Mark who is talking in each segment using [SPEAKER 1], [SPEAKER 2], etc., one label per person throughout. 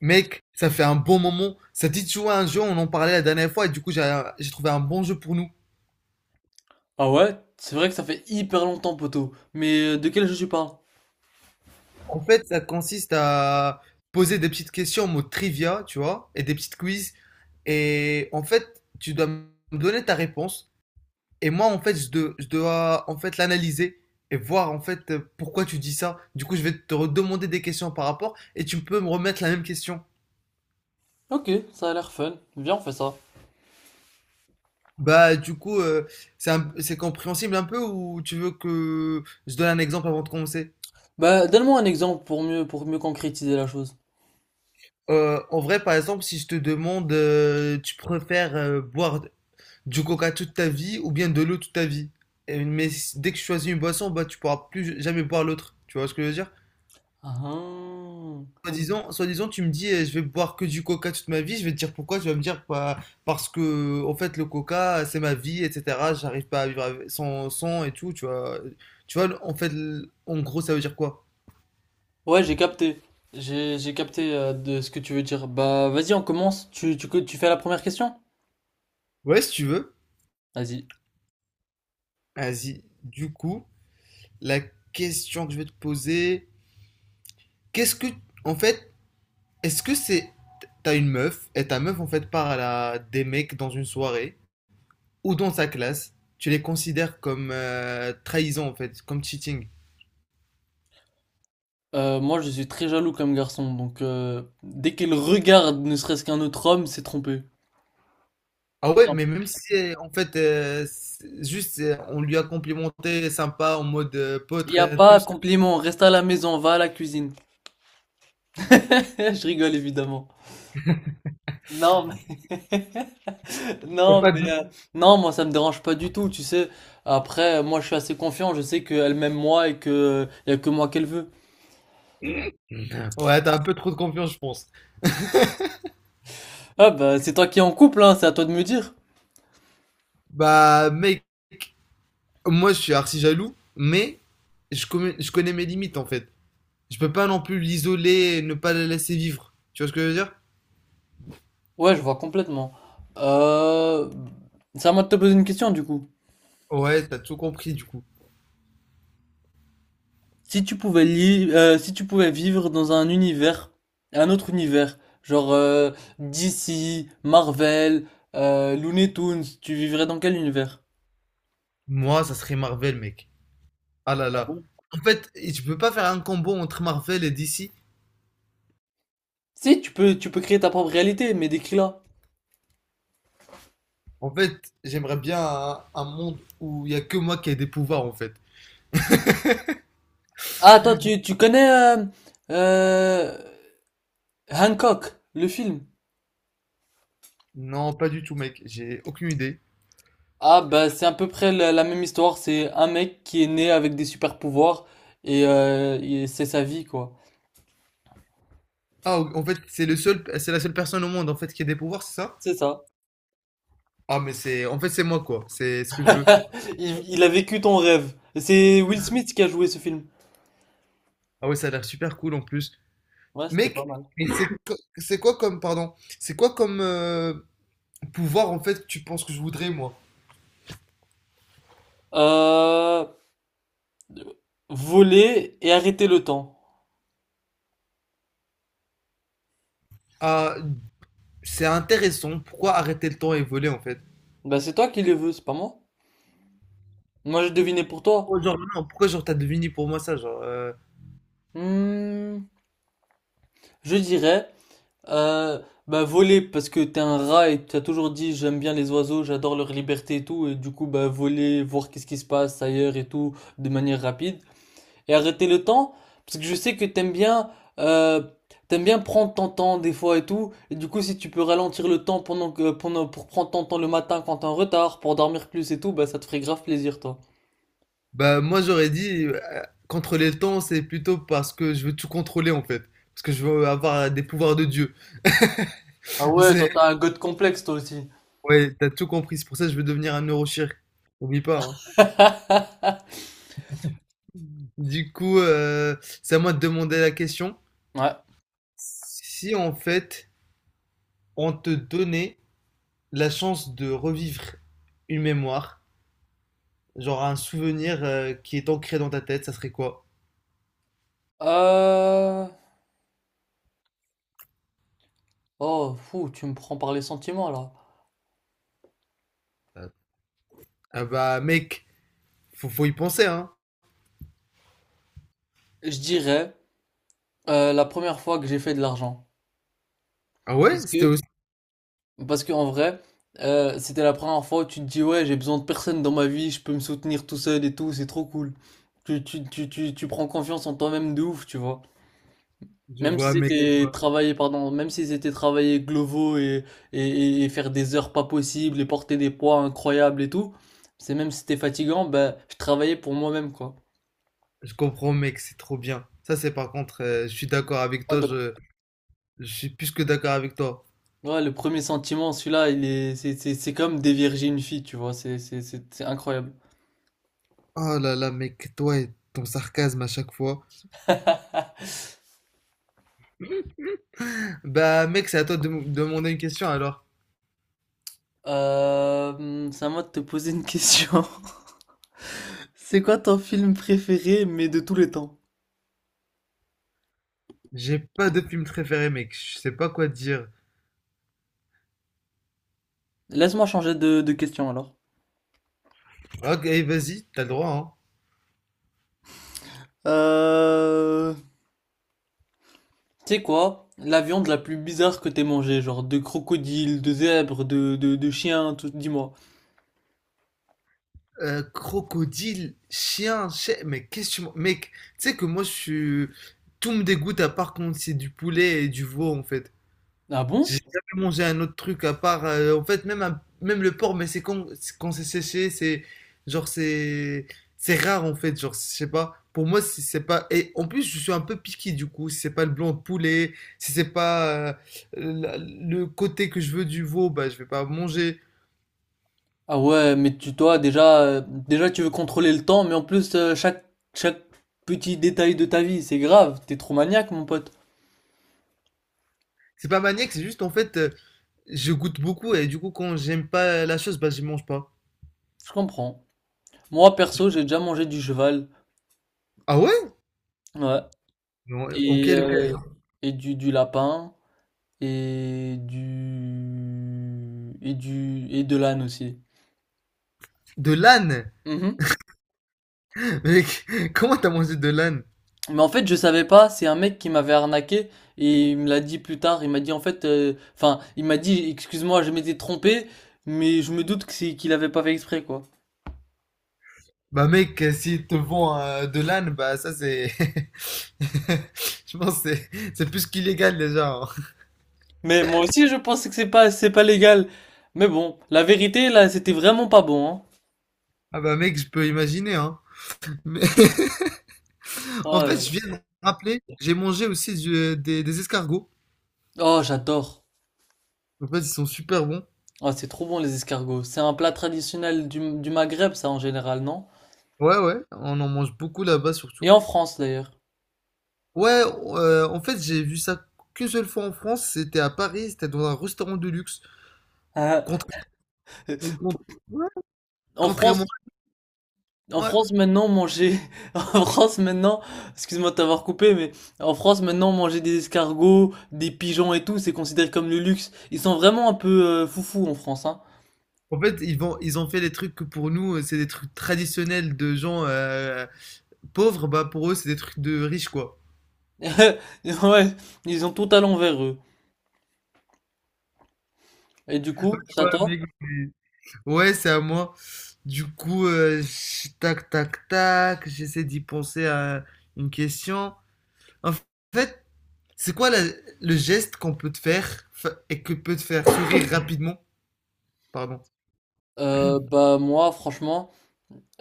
[SPEAKER 1] Mec, ça fait un bon moment. Ça dit de jouer à un jeu, on en parlait la dernière fois, et du coup, j'ai trouvé un bon jeu pour nous.
[SPEAKER 2] Ah ouais? C'est vrai que ça fait hyper longtemps, poto. Mais de quel jeu tu parles?
[SPEAKER 1] En fait, ça consiste à poser des petites questions en mode trivia, tu vois, et des petites quiz. Et en fait, tu dois me donner ta réponse. Et moi, en fait, je dois en fait l'analyser et voir en fait pourquoi tu dis ça. Du coup, je vais te redemander des questions par rapport, et tu peux me remettre la même question.
[SPEAKER 2] Ok, ça a l'air fun. Viens, on fait ça.
[SPEAKER 1] Bah, du coup, c'est compréhensible un peu, ou tu veux que je donne un exemple avant de commencer?
[SPEAKER 2] Bah, donne-moi un exemple pour pour mieux concrétiser la chose.
[SPEAKER 1] En vrai, par exemple, si je te demande, tu préfères boire du coca toute ta vie ou bien de l'eau toute ta vie? Dès que tu choisis une boisson, bah, tu pourras plus jamais boire l'autre. Tu vois ce que je veux dire?
[SPEAKER 2] Ah.
[SPEAKER 1] Soit disant tu me dis, je vais boire que du coca toute ma vie. Je vais te dire pourquoi. Tu vas me dire, bah, parce que, en fait, le coca, c'est ma vie, etc. J'arrive pas à sans, sans et tout. Tu vois, en fait, en gros, ça veut dire quoi?
[SPEAKER 2] Ouais, j'ai capté. J'ai capté de ce que tu veux dire. Bah, vas-y, on commence. Tu fais la première question?
[SPEAKER 1] Ouais, si tu veux.
[SPEAKER 2] Vas-y.
[SPEAKER 1] Vas-y. Du coup, la question que je vais te poser. Qu'est-ce que, en fait, est-ce que c'est, t'as une meuf et ta meuf en fait part des mecs dans une soirée ou dans sa classe, tu les considères comme trahison en fait, comme cheating.
[SPEAKER 2] Moi, je suis très jaloux comme garçon, donc dès qu'elle regarde ne serait-ce qu'un autre homme, c'est trompé.
[SPEAKER 1] Ah ouais, mais même si en fait c'est juste on lui a complimenté sympa en mode pote
[SPEAKER 2] Il n'y a
[SPEAKER 1] rien de
[SPEAKER 2] pas
[SPEAKER 1] plus.
[SPEAKER 2] compliment, reste à la maison, va à la cuisine. Je rigole évidemment. Non, mais...
[SPEAKER 1] Et
[SPEAKER 2] Non,
[SPEAKER 1] pas de-
[SPEAKER 2] mais euh, non, moi ça me dérange pas du tout, tu sais. Après, moi je suis assez confiant, je sais qu'elle m'aime moi et que y a que moi qu'elle veut.
[SPEAKER 1] Ouais, t'as un peu trop de confiance je pense.
[SPEAKER 2] Ah bah c'est toi qui es en couple, hein, c'est à toi de me dire.
[SPEAKER 1] Bah mec, moi je suis archi jaloux, mais je connais mes limites en fait. Je peux pas non plus l'isoler et ne pas la laisser vivre. Tu vois ce que je veux dire?
[SPEAKER 2] Ouais, je vois complètement. Euh... C'est à moi de te poser une question du coup.
[SPEAKER 1] Ouais, t'as tout compris du coup.
[SPEAKER 2] Si tu pouvais vivre dans un univers, un autre univers, genre DC, Marvel, Looney Tunes, tu vivrais dans quel univers?
[SPEAKER 1] Moi, ça serait Marvel, mec. Ah là
[SPEAKER 2] Ah
[SPEAKER 1] là.
[SPEAKER 2] bon.
[SPEAKER 1] En fait, je peux pas faire un combo entre Marvel et DC.
[SPEAKER 2] Si, tu peux créer ta propre réalité, mais décris-la.
[SPEAKER 1] En fait, j'aimerais bien un monde où il y a que moi qui ai des pouvoirs, en fait.
[SPEAKER 2] Ah, toi, tu connais euh, Hancock, le film?
[SPEAKER 1] Non, pas du tout, mec. J'ai aucune idée.
[SPEAKER 2] Ah, bah, c'est à peu près la même histoire. C'est un mec qui est né avec des super pouvoirs et c'est sa vie, quoi.
[SPEAKER 1] Ah, en fait, c'est la seule personne au monde, en fait, qui a des pouvoirs, c'est ça?
[SPEAKER 2] C'est ça.
[SPEAKER 1] Ah, mais c'est, en fait, c'est moi, quoi. C'est ce que je veux.
[SPEAKER 2] Il a vécu ton rêve. C'est Will Smith qui a joué ce film.
[SPEAKER 1] Ah ouais, ça a l'air super cool, en plus.
[SPEAKER 2] Ouais, c'était
[SPEAKER 1] Mec,
[SPEAKER 2] pas mal.
[SPEAKER 1] c'est quoi comme, pardon, c'est quoi comme pouvoir, en fait, que tu penses que je voudrais, moi?
[SPEAKER 2] Euh, Voler et arrêter le temps.
[SPEAKER 1] Ah, c'est intéressant. Pourquoi arrêter le temps et voler en fait?
[SPEAKER 2] Bah, c'est toi qui les veux, c'est pas moi. Moi, j'ai deviné pour toi.
[SPEAKER 1] Pourquoi genre, non, pourquoi genre t'as deviné pour moi ça genre,
[SPEAKER 2] Hmm, je dirais. Euh, Bah voler parce que t'es un rat et t'as toujours dit j'aime bien les oiseaux, j'adore leur liberté et tout et du coup bah voler, voir qu'est-ce qui se passe ailleurs et tout de manière rapide et arrêter le temps parce que je sais que euh, t'aimes bien prendre ton temps des fois et tout et du coup si tu peux ralentir le temps pendant que pendant pour prendre ton temps le matin quand t'es en retard pour dormir plus et tout bah ça te ferait grave plaisir toi.
[SPEAKER 1] Bah moi j'aurais dit contrôler le temps c'est plutôt parce que je veux tout contrôler en fait. Parce que je veux avoir des pouvoirs de Dieu.
[SPEAKER 2] Ah ouais, toi
[SPEAKER 1] C'est,
[SPEAKER 2] t'as un god complexe toi aussi.
[SPEAKER 1] ouais, t'as tout compris. C'est pour ça que je veux devenir un neurochirurgien. Oublie pas, hein. Du coup, c'est à moi de demander la question.
[SPEAKER 2] Ouais.
[SPEAKER 1] Si en fait on te donnait la chance de revivre une mémoire, genre un souvenir qui est ancré dans ta tête, ça serait quoi?
[SPEAKER 2] Euh... Oh, fou, tu me prends par les sentiments là.
[SPEAKER 1] Ah bah mec, faut y penser hein.
[SPEAKER 2] Je dirais la première fois que j'ai fait de l'argent.
[SPEAKER 1] Ah ouais,
[SPEAKER 2] Parce
[SPEAKER 1] c'était
[SPEAKER 2] que,
[SPEAKER 1] aussi.
[SPEAKER 2] parce que en vrai, c'était la première fois où tu te dis, ouais, j'ai besoin de personne dans ma vie, je peux me soutenir tout seul et tout, c'est trop cool. Tu prends confiance en toi-même de ouf, tu vois.
[SPEAKER 1] Je vois mec, je vois.
[SPEAKER 2] Même si c'était travailler glovo et faire des heures pas possibles et porter des poids incroyables et tout, c'est même si c'était fatigant, ben, je travaillais pour moi-même, quoi.
[SPEAKER 1] Je comprends mec, c'est trop bien. Ça c'est par contre, je suis d'accord avec
[SPEAKER 2] Ouais,
[SPEAKER 1] toi,
[SPEAKER 2] donc
[SPEAKER 1] je suis plus que d'accord avec toi.
[SPEAKER 2] ouais, le premier sentiment, celui-là, il est, c'est comme dévierger une fille, tu vois, c'est incroyable.
[SPEAKER 1] Oh là là mec, toi et ton sarcasme à chaque fois. Bah mec, c'est à toi de me demander une question alors.
[SPEAKER 2] C'est à moi de te poser une question. C'est quoi ton film préféré, mais de tous les temps?
[SPEAKER 1] J'ai pas de film préféré mec, je sais pas quoi dire.
[SPEAKER 2] Laisse-moi changer de question alors.
[SPEAKER 1] Ok, eh, vas-y, t'as le droit hein.
[SPEAKER 2] Euh, Tu sais quoi? La viande la plus bizarre que t'aies mangée, genre de crocodile, de zèbre, de chien, tout, dis-moi.
[SPEAKER 1] Crocodile, chien, chien, mais qu'est-ce que tu... Mec, tu sais que moi je suis... Tout me dégoûte à part quand c'est du poulet et du veau en fait.
[SPEAKER 2] Ah bon?
[SPEAKER 1] J'ai jamais mangé un autre truc à part, en fait, même, même le porc, mais c'est quand c'est séché, c'est. Genre, c'est. C'est rare en fait, genre, je sais pas. Pour moi, si c'est pas. Et en plus, je suis un peu piqué du coup. Si c'est pas le blanc de poulet, si c'est pas le côté que je veux du veau, bah, je vais pas manger.
[SPEAKER 2] Ah ouais, mais tu toi déjà, déjà tu veux contrôler le temps, mais en plus euh, chaque petit détail de ta vie, c'est grave, t'es trop maniaque mon pote.
[SPEAKER 1] C'est pas maniaque, c'est juste en fait, je goûte beaucoup et du coup, quand j'aime pas la chose, bah, je mange pas.
[SPEAKER 2] Je comprends. Moi perso, j'ai déjà mangé du cheval,
[SPEAKER 1] Ah ouais?
[SPEAKER 2] ouais,
[SPEAKER 1] Mais en en
[SPEAKER 2] et
[SPEAKER 1] quelle
[SPEAKER 2] euh,
[SPEAKER 1] occasion?
[SPEAKER 2] et du, du lapin et de l'âne aussi.
[SPEAKER 1] De l'âne!
[SPEAKER 2] Mhm.
[SPEAKER 1] Mec, comment t'as mangé de l'âne?
[SPEAKER 2] Mais en fait, je savais pas, c'est un mec qui m'avait arnaqué et il me l'a dit plus tard, il m'a dit en fait enfin, il m'a dit excuse-moi, je m'étais trompé, mais je me doute que c'est qu'il avait pas fait exprès quoi.
[SPEAKER 1] Bah mec, s'ils te vend de l'âne, bah ça c'est... Je pense que c'est plus qu'illégal déjà, hein.
[SPEAKER 2] Mais moi aussi, je pense que c'est pas légal. Mais bon, la vérité, là, c'était vraiment pas bon, hein.
[SPEAKER 1] Ah bah mec, je peux imaginer, hein. Mais en
[SPEAKER 2] Oh
[SPEAKER 1] fait,
[SPEAKER 2] là
[SPEAKER 1] je
[SPEAKER 2] là.
[SPEAKER 1] viens de me rappeler, j'ai mangé aussi des escargots.
[SPEAKER 2] Oh, j'adore.
[SPEAKER 1] En fait, ils sont super bons.
[SPEAKER 2] Oh, c'est trop bon, les escargots. C'est un plat traditionnel du Maghreb, ça, en général, non?
[SPEAKER 1] Ouais, ouais, on en mange beaucoup là-bas
[SPEAKER 2] Et
[SPEAKER 1] surtout.
[SPEAKER 2] en France, d'ailleurs.
[SPEAKER 1] Ouais, en fait, j'ai vu ça qu'une seule fois en France. C'était à Paris, c'était dans un restaurant de luxe.
[SPEAKER 2] Ah,
[SPEAKER 1] Contra-
[SPEAKER 2] euh,
[SPEAKER 1] euh, con- ouais,
[SPEAKER 2] En
[SPEAKER 1] Contrairement...
[SPEAKER 2] France, en
[SPEAKER 1] ouais,
[SPEAKER 2] France, maintenant, manger, en France, maintenant, excuse-moi de t'avoir coupé, mais en France, maintenant, manger des escargots, des pigeons et tout, c'est considéré comme le luxe. Ils sont vraiment un peu foufous en France, hein.
[SPEAKER 1] En fait, ils ont fait des trucs que pour nous, c'est des trucs traditionnels de gens pauvres. Bah, pour eux, c'est des trucs de riches, quoi.
[SPEAKER 2] Ouais, ils ont tout à l'envers, eux. Et du
[SPEAKER 1] Tu
[SPEAKER 2] coup, ça
[SPEAKER 1] vois,
[SPEAKER 2] toi?
[SPEAKER 1] Ouais, c'est à moi. Du coup, tac, tac, tac, j'essaie d'y penser à une question. En fait, c'est quoi la- le geste qu'on peut te faire fa- et que peut te faire sourire rapidement? Pardon.
[SPEAKER 2] Bah moi, franchement,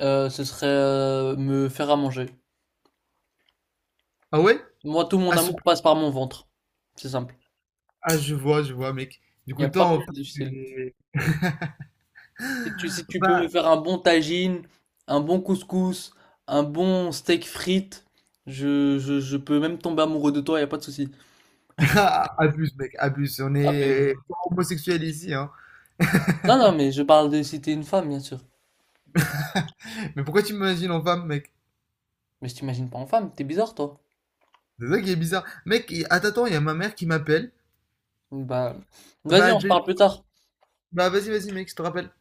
[SPEAKER 2] ce serait me faire à manger.
[SPEAKER 1] Ah ouais?
[SPEAKER 2] Moi, tout mon
[SPEAKER 1] À ce...
[SPEAKER 2] amour passe par mon ventre. C'est simple.
[SPEAKER 1] Ah, je vois, mec. Du
[SPEAKER 2] Il n'y
[SPEAKER 1] coup,
[SPEAKER 2] a
[SPEAKER 1] toi,
[SPEAKER 2] pas
[SPEAKER 1] en
[SPEAKER 2] plus
[SPEAKER 1] fait,
[SPEAKER 2] difficile.
[SPEAKER 1] es-
[SPEAKER 2] Si tu peux me faire un bon tagine, un bon couscous, un bon steak frites, je peux même tomber amoureux de toi, il n'y a pas de souci.
[SPEAKER 1] Ah, abuse, mec, abuse. On
[SPEAKER 2] Ah mais...
[SPEAKER 1] est homosexuel ici, hein.
[SPEAKER 2] Non, non, mais je parle de si t'es une femme, bien sûr.
[SPEAKER 1] Mais pourquoi tu m'imagines en femme, mec?
[SPEAKER 2] Mais je t'imagine pas en femme, t'es bizarre, toi.
[SPEAKER 1] C'est ça qui est bizarre. Mec, attends, attends, il y a ma mère qui m'appelle.
[SPEAKER 2] Bah, vas-y,
[SPEAKER 1] Bah,
[SPEAKER 2] on se parle plus tard.
[SPEAKER 1] bah, vas-y, vas-y, mec, je te rappelle.